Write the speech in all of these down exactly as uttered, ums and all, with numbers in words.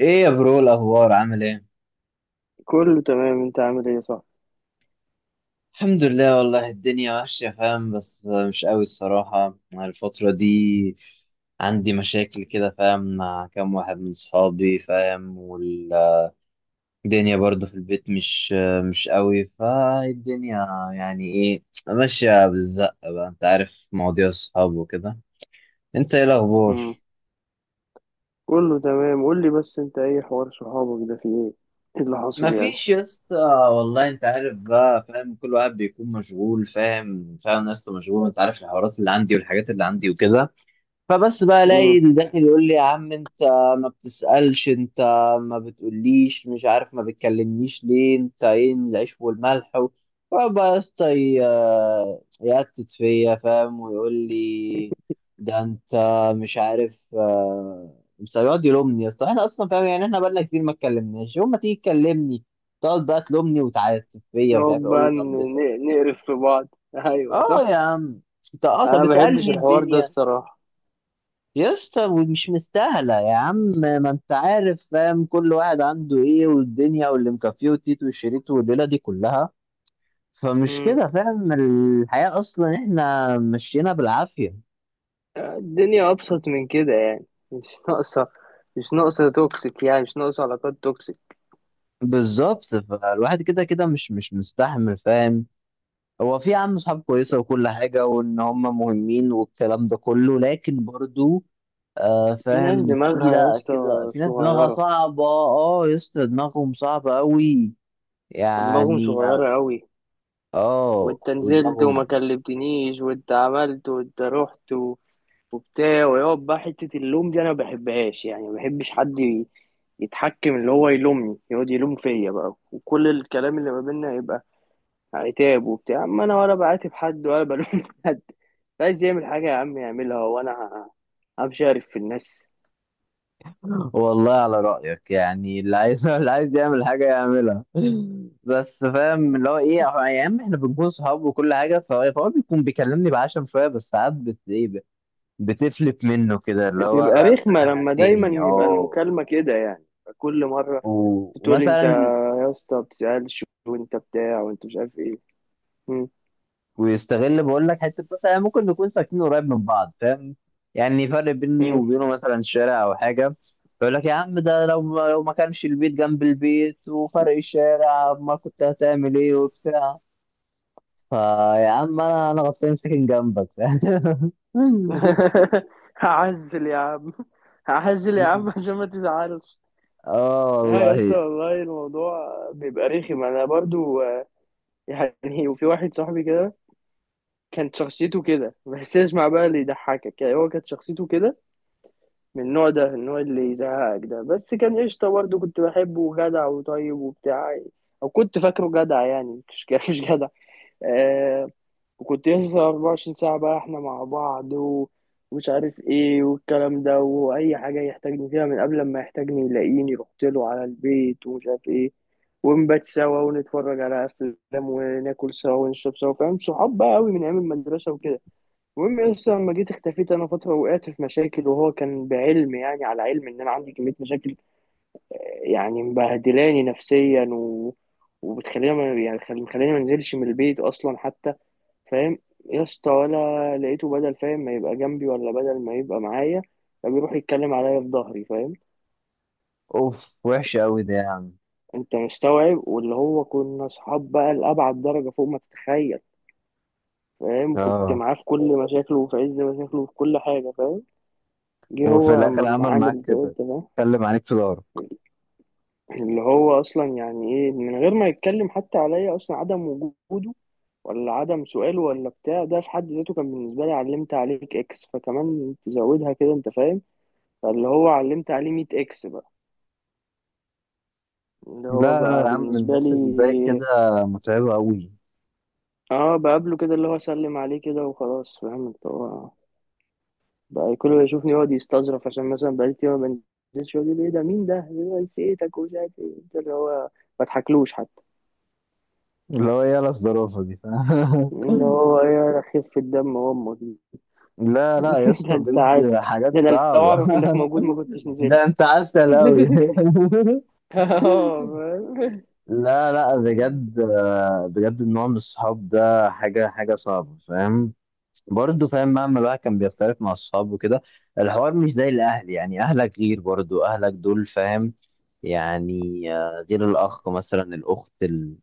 ايه يا برو، الاخبار عامل ايه؟ كله تمام، انت عامل ايه؟ صح. الحمد لله، والله الدنيا ماشيه، فاهم، بس مش قوي الصراحه مع الفتره دي. عندي مشاكل كده، فاهم، مع كام واحد من صحابي، فاهم، والدنيا برضه في البيت مش مش قوي، فالدنيا يعني ايه، ماشيه بالزقه بقى، انت عارف مواضيع الصحاب وكده. انت ايه مم. الاخبار؟ كله تمام. قول لي بس انت ايه حوار صحابك ده؟ في ايه؟ ايه اللي ما حاصل يعني؟ فيش يا اسطى، والله انت عارف بقى، فاهم، كل واحد بيكون مشغول، فاهم فاهم ناس مشغول، انت عارف الحوارات اللي عندي والحاجات اللي عندي وكده. فبس بقى الاقي مم. اللي داخل يقول لي يا عم، انت ما بتسألش، انت ما بتقوليش، مش عارف، ما بتكلمنيش ليه، انت ايه العيش والملح. فبس يقتت فيا، فاهم، ويقول لي ده انت مش عارف، آه، بس يقعد يلومني يا اسطى، احنا اصلا فاهم، يعني احنا بقالنا كتير ما اتكلمناش، يوم ما تيجي تكلمني تقعد بقى تلومني وتعاتب فيا، مش عارف نقعد اقول له بقى طب بس. ن- ن- نقرف في بعض. ايوه اه صح. يا عم. طب اه طب انا ما بحبش اسألني الحوار ده الدنيا الصراحة. يا اسطى، ومش مستاهلة يا عم، ما انت عارف، فاهم، كل واحد عنده ايه والدنيا واللي مكفيه وتيتو وشيريتو والليلة دي كلها. فمش مم. كده، فاهم، الحياة اصلا احنا مشينا بالعافية. الدنيا ابسط من كده يعني. مش ناقصة، مش ناقصة توكسيك، يعني مش ناقصة علاقات توكسيك. بالظبط، فالواحد كده كده مش مش مستحمل، فاهم. هو في عم صحاب كويسة وكل حاجة وان هم مهمين والكلام ده كله، لكن برضو. آه في ناس فاهم، في، دماغها يا لا كده، اسطى في ناس دماغها صغيرة، صعبة. اه يا اسطى، دماغهم صعبة قوي. دماغهم يعني. صغيرة قوي. اه وانت نزلت وما ودماغهم. كلمتنيش، وانت عملت، وانت رحت وبتاع، ويقعد بقى حتة اللوم دي أنا ما بحبهاش. يعني ما بحبش حد ي- يتحكم، اللي هو يلومني، يقعد يلوم فيا بقى، وكل الكلام اللي ما بيننا يبقى عتاب وبتاع. أما أنا ولا بعاتب حد ولا بلوم حد. عايز يعمل حاجة يا عم يعملها، وأنا ه- همشي، أعرف في الناس. والله على رأيك، يعني اللي عايز اللي عايز يعمل حاجة يعملها. بس فاهم اللي هو ايه، يا عم احنا بنكون صحاب وكل حاجة، فهو فهو بيكون بيكلمني بعشم شوية، بس ساعات بت ايه ب- بتفلت منه كده، اللي هو بتبقى لا انت رخمة لما دايما خنقتني يبقى اه المكالمة كده يعني، كل مرة و- بتقول: أنت ومثلا يا اسطى ما بتسألش، وأنت بتاع، وأنت مش عارف إيه. م- ويستغل، بقول لك حته، بس يعني ممكن نكون ساكنين قريب من بعض، فاهم، يعني فرق بيني م. وبينه مثلا شارع او حاجه، فيقول لك يا عم ده لو لو ما كانش البيت جنب البيت وفرق الشارع، ما كنت هتعمل ايه وبتاع. فيا عم، انا انا غصبين ساكن جنبك، فاهم؟ هعزل يا عم، هعزل يا عم عشان ما تزعلش. اه لا والله. يا اسطى، والله الموضوع بيبقى رخم. انا برضو آه، يعني، وفي واحد صاحبي كده كانت شخصيته كده. بس اسمع بقى اللي يضحكك، يعني هو كانت شخصيته كده، من النوع ده، النوع اللي يزهقك ده. بس كان قشطة برضو، كنت بحبه وجدع وطيب وبتاع، او كنت فاكره جدع يعني، مش مش جدع آه،. وكنت يسطا اربعة وعشرين ساعة بقى احنا مع بعض، و- ومش عارف ايه، والكلام ده. وأي حاجة يحتاجني فيها، من قبل ما يحتاجني يلاقيني رحت له على البيت ومش عارف ايه، ونبات سوا، ونتفرج على أفلام، وناكل سوا، ونشرب سوا. فاهم؟ صحاب بقى قوي من أيام المدرسة وكده. المهم يسطا لما جيت اختفيت أنا فترة، وقعت في مشاكل، وهو كان بعلم، يعني على علم إن أنا عندي كمية مشاكل، يعني مبهدلاني نفسيا و... وبتخليني ما، يعني خل- مخليني ما انزلش من البيت اصلا حتى. فاهم يا اسطى؟ ولا لقيته، بدل فاهم ما يبقى جنبي، ولا بدل ما يبقى معايا، ده بيروح يتكلم عليا في ظهري. فاهم؟ اوف، وحش قوي ده يا عم. انت مستوعب؟ واللي هو كنا اصحاب بقى لأبعد درجة فوق ما تتخيل. فاهم؟ كنت اه. معاه في كل مشاكله، وفي عز مشاكله، وفي كل حاجة. فاهم؟ جه هو وفي الاخر عم عمل معاك عامل كده. كده، تمام. اتكلم عليك في ظهرك. اللي هو اصلا يعني ايه، من غير ما يتكلم حتى عليا اصلا، عدم وجوده ولا عدم سؤاله ولا بتاع ده في حد ذاته كان بالنسبة لي علمت عليك اكس، فكمان تزودها كده انت؟ فاهم؟ فاللي هو علمت عليه مية اكس بقى، اللي هو لا لا بقى يا عم، بالنسبة لي. الناس اللي زي كده متعبه قوي. اه بقابله كده اللي هو اسلم عليه كده وخلاص. فاهم؟ انت هو بقى، كل ما يشوفني يقعد يستظرف، عشان مثلا بقالي كتير ما بنزلش، يقول لي ايه ده؟ مين ده؟ اللي هو نسيتك ومش عارف ايه أنت، اللي هو ما تضحكلوش حتى. اللي هو ايه، يلا الظروف دي، فاهم؟ اللي هو يا خف الدم وامه دي لا لا يا ده اسطى، انت بجد عسل، حاجات ده انا لو صعبة. اعرف انك موجود ما كنتش نزلت. ده انت عسل اوي. اه. فاهم؟ لا لا بجد، بجد النوع من الصحاب ده حاجة حاجة صعبة، فاهم. برضه فاهم مهما الواحد كان بيختلف مع الصحاب وكده، الحوار مش زي الأهل، يعني أهلك غير، برضه أهلك دول فاهم، يعني آه، غير الأخ مثلا الأخت ال...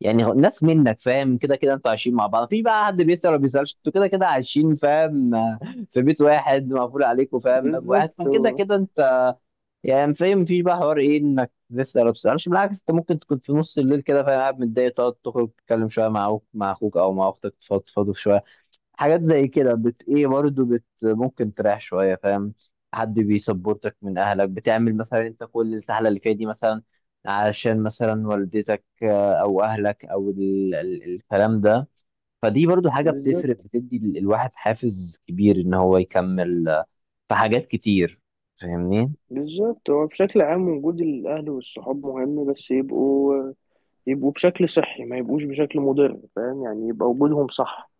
يعني غ- ناس منك، فاهم، كده كده انتوا عايشين مع بعض، في بقى حد بيسأل ولا ما بيسألش، انتوا كده كده عايشين، فاهم. آه، في بيت واحد مقفول عليكم، فاهم، باب واحد، بالظبط فكده هو- كده انت يعني فاهم، في بقى حوار ايه انك لسه ما بتسألش؟ بالعكس، انت ممكن تكون في نص الليل كده، فاهم، قاعد متضايق، تقعد تخرج تتكلم شوية مع أخوك مع أخوك أو مع أختك، تفضفضوا شوية. حاجات زي كده بت ايه برضو بت ممكن تريح شويه، فاهم، حد بيسبورتك من اهلك، بتعمل مثلا انت كل السهله اللي فيها دي، مثلا علشان مثلا والدتك آه، او اهلك او ال... ال... الكلام ده. فدي برضو حاجه بتفرق، بالظبط. بتدي ال- الواحد حافز كبير ان هو يكمل آه، في حاجات كتير. فاهمني؟ بالظبط، هو بشكل عام وجود الأهل والصحاب مهم، بس يبقوا، يبقوا بشكل صحي، ما يبقوش بشكل مضر. فاهم؟ يعني يبقى وجودهم صح.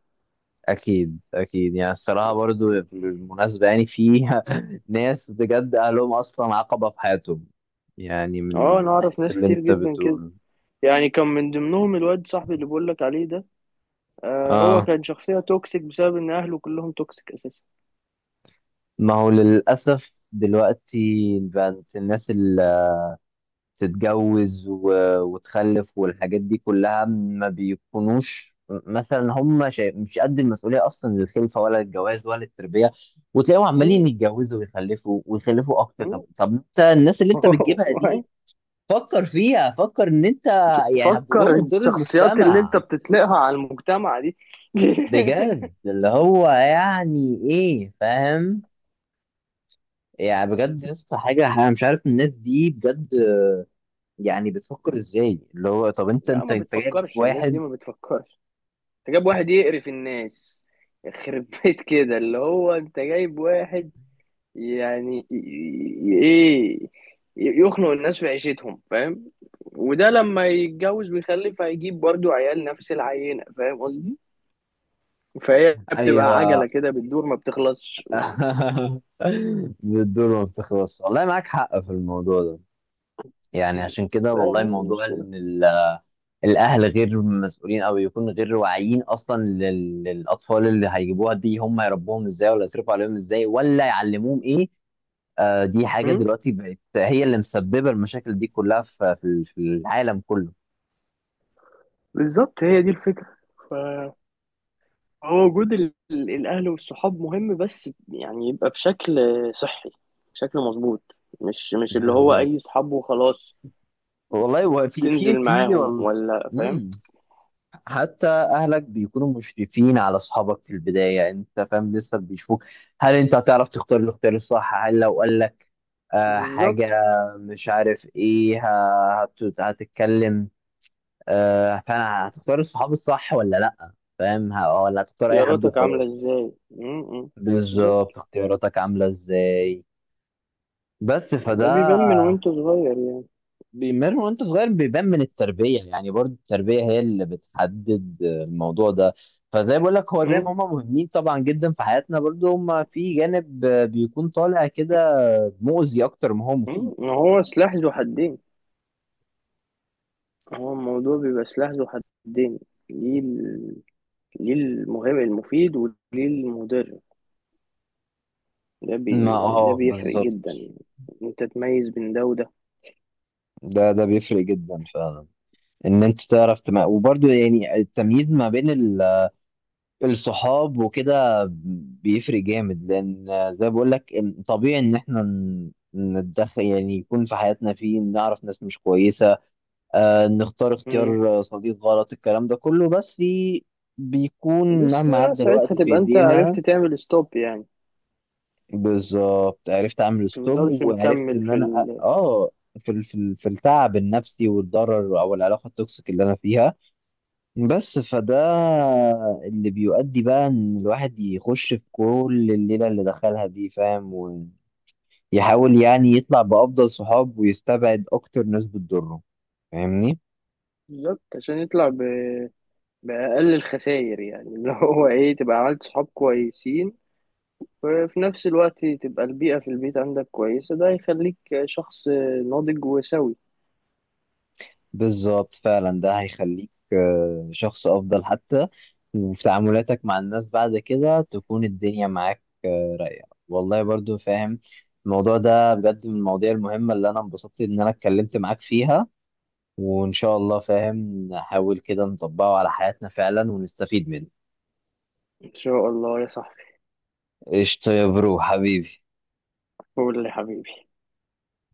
اكيد اكيد، يعني الصراحه برضو بالمناسبه، يعني في ناس بجد اهلهم اصلا عقبه في حياتهم، يعني اه، من انا اعرف حيث ناس اللي كتير انت جدا كده، بتقوله. يعني كان من ضمنهم الواد صاحبي اللي بقول لك عليه ده. آه، هو اه. كان شخصية توكسيك بسبب ان اهله كلهم توكسيك اساسا. ما هو للأسف دلوقتي بقت الناس اللي تتجوز و- وتخلف والحاجات دي كلها ما بيكونوش مثلا هم شا- مش قد المسؤولية أصلا، للخلفة ولا الجواز ولا التربية. وتلاقيهم عمالين مم. يتجوزوا ويخلفوا ويخلفوا أكتر. مم. طب طب أنت الناس اللي أنت بتجيبها دي، فكر فيها، فكر إن أنت يعني هتضرهم فكر وتضر الشخصيات اللي انت المجتمع. بتطلقها على المجتمع دي. بجد اللي هو يعني إيه، فاهم، يعني بجد يا اسطى حاجة، أنا مش عارف الناس دي بجد يعني بتفكر إزاي، اللي هو طب أنت لا، أنت ما أنت جايب بتفكرش الناس دي، واحد. ما بتفكرش. جاب واحد يقرف في الناس، يخرب بيت كده، اللي هو انت جايب واحد يعني ي- ي- ايه، ي- يخنق الناس في عيشتهم. فاهم؟ وده لما يتجوز ويخلف هيجيب برضو عيال نفس العينة، فاهم قصدي؟ فهي بتبقى عجلة أيوه. كده بتدور ما بتخلصش. بالدور ما بتخلص، والله معاك حق في الموضوع ده. يعني عشان كده، والله فاهم؟ موضوع مشكلة. إن ال- الأهل غير مسؤولين أو يكون غير واعيين أصلا لل- للأطفال اللي هيجيبوها دي، هم هيربوهم إزاي، ولا يصرفوا عليهم إزاي، ولا يعلموهم إيه؟ آه، دي حاجة هم؟ دلوقتي بقت هي اللي مسببة المشاكل دي كلها في في في العالم كله. بالظبط، هي دي الفكرة. ف، هو وجود ال- الأهل والصحاب مهم، بس يعني يبقى بشكل صحي، بشكل مظبوط، مش مش اللي هو بالظبط، أي صحاب وخلاص والله هو في في تنزل في معاهم وال... ولا. فاهم؟ مم. حتى اهلك بيكونوا مشرفين على اصحابك في البدايه، انت فاهم لسه بيشوفوك، هل انت هتعرف تختار الاختيار الصح؟ هل لو قال لك آه حاجه بالظبط. مش عارف ايه ه- هت... هتتكلم، آه فانا هتختار الصحاب الصح ولا لا؟ فاهم ه- آه، ولا هتختار اي حد اختياراتك عاملة وخلاص؟ ازاي؟ م- م. بالظبط. بالظبط، اختياراتك عامله ازاي. بس ده بيبان من فده وانت صغير يعني. بيمر وانت صغير، بيبان من التربيه، يعني برضو التربيه هي اللي بتحدد الموضوع ده. فزي بقول لك، هو زي ما م- هم مهمين طبعا جدا في حياتنا، برضو هم في جانب بيكون طالع كده مؤذي اكتر ما هو م. مفيد. ما هو سلاح ذو حدين، هو الموضوع بيبقى سلاح ذو حدين. ليه ال- ليه المهم المفيد وليه المضر؟ ده بي... ما ده اه بيفرق بالظبط. جدا ان انت تميز بين ده وده. ده ده بيفرق جدا فعلا، ان انت تعرف تما... وبرضه يعني التمييز ما بين ال- الصحاب وكده بيفرق جامد، لان زي ما بقول لك طبيعي ان احنا ن- نتدخل، يعني يكون في حياتنا، في نعرف ناس مش كويسة، آه، نختار اختيار آه، صديق غلط، الكلام ده كله. بس في بيكون بس مهما عدى ساعتها الوقت في تبقى انت ايدينا. عرفت تعمل ستوب، يعني بالظبط، عرفت اعمل ستوب، متفضلش وعرفت مكمل ان في انا أ- ال... اه في ال- في ال- في التعب النفسي والضرر او العلاقه التوكسيك اللي انا فيها. بس فده اللي بيؤدي بقى ان الواحد يخش في كل الليله اللي دخلها دي، فاهم، ويحاول يعني يطلع بافضل صحاب ويستبعد اكتر ناس بتضره. فاهمني؟ بالظبط، عشان يطلع ب... بأقل الخسائر، يعني اللي هو ايه، تبقى عملت صحاب كويسين، وفي نفس الوقت تبقى البيئة في البيت عندك كويسة، ده يخليك شخص ناضج وسوي. بالظبط، فعلا ده هيخليك آه، شخص افضل حتى. وفي تعاملاتك مع الناس بعد كده، تكون الدنيا معاك آه، رايقه، والله، برضو فاهم. الموضوع ده بجد من المواضيع المهمه اللي انا انبسطت ان انا اتكلمت معاك فيها، وان شاء الله فاهم نحاول كده نطبقه على حياتنا فعلا ونستفيد منه. ان شاء الله يا صاحبي. قشطة يا برو حبيبي. قول لي حبيبي.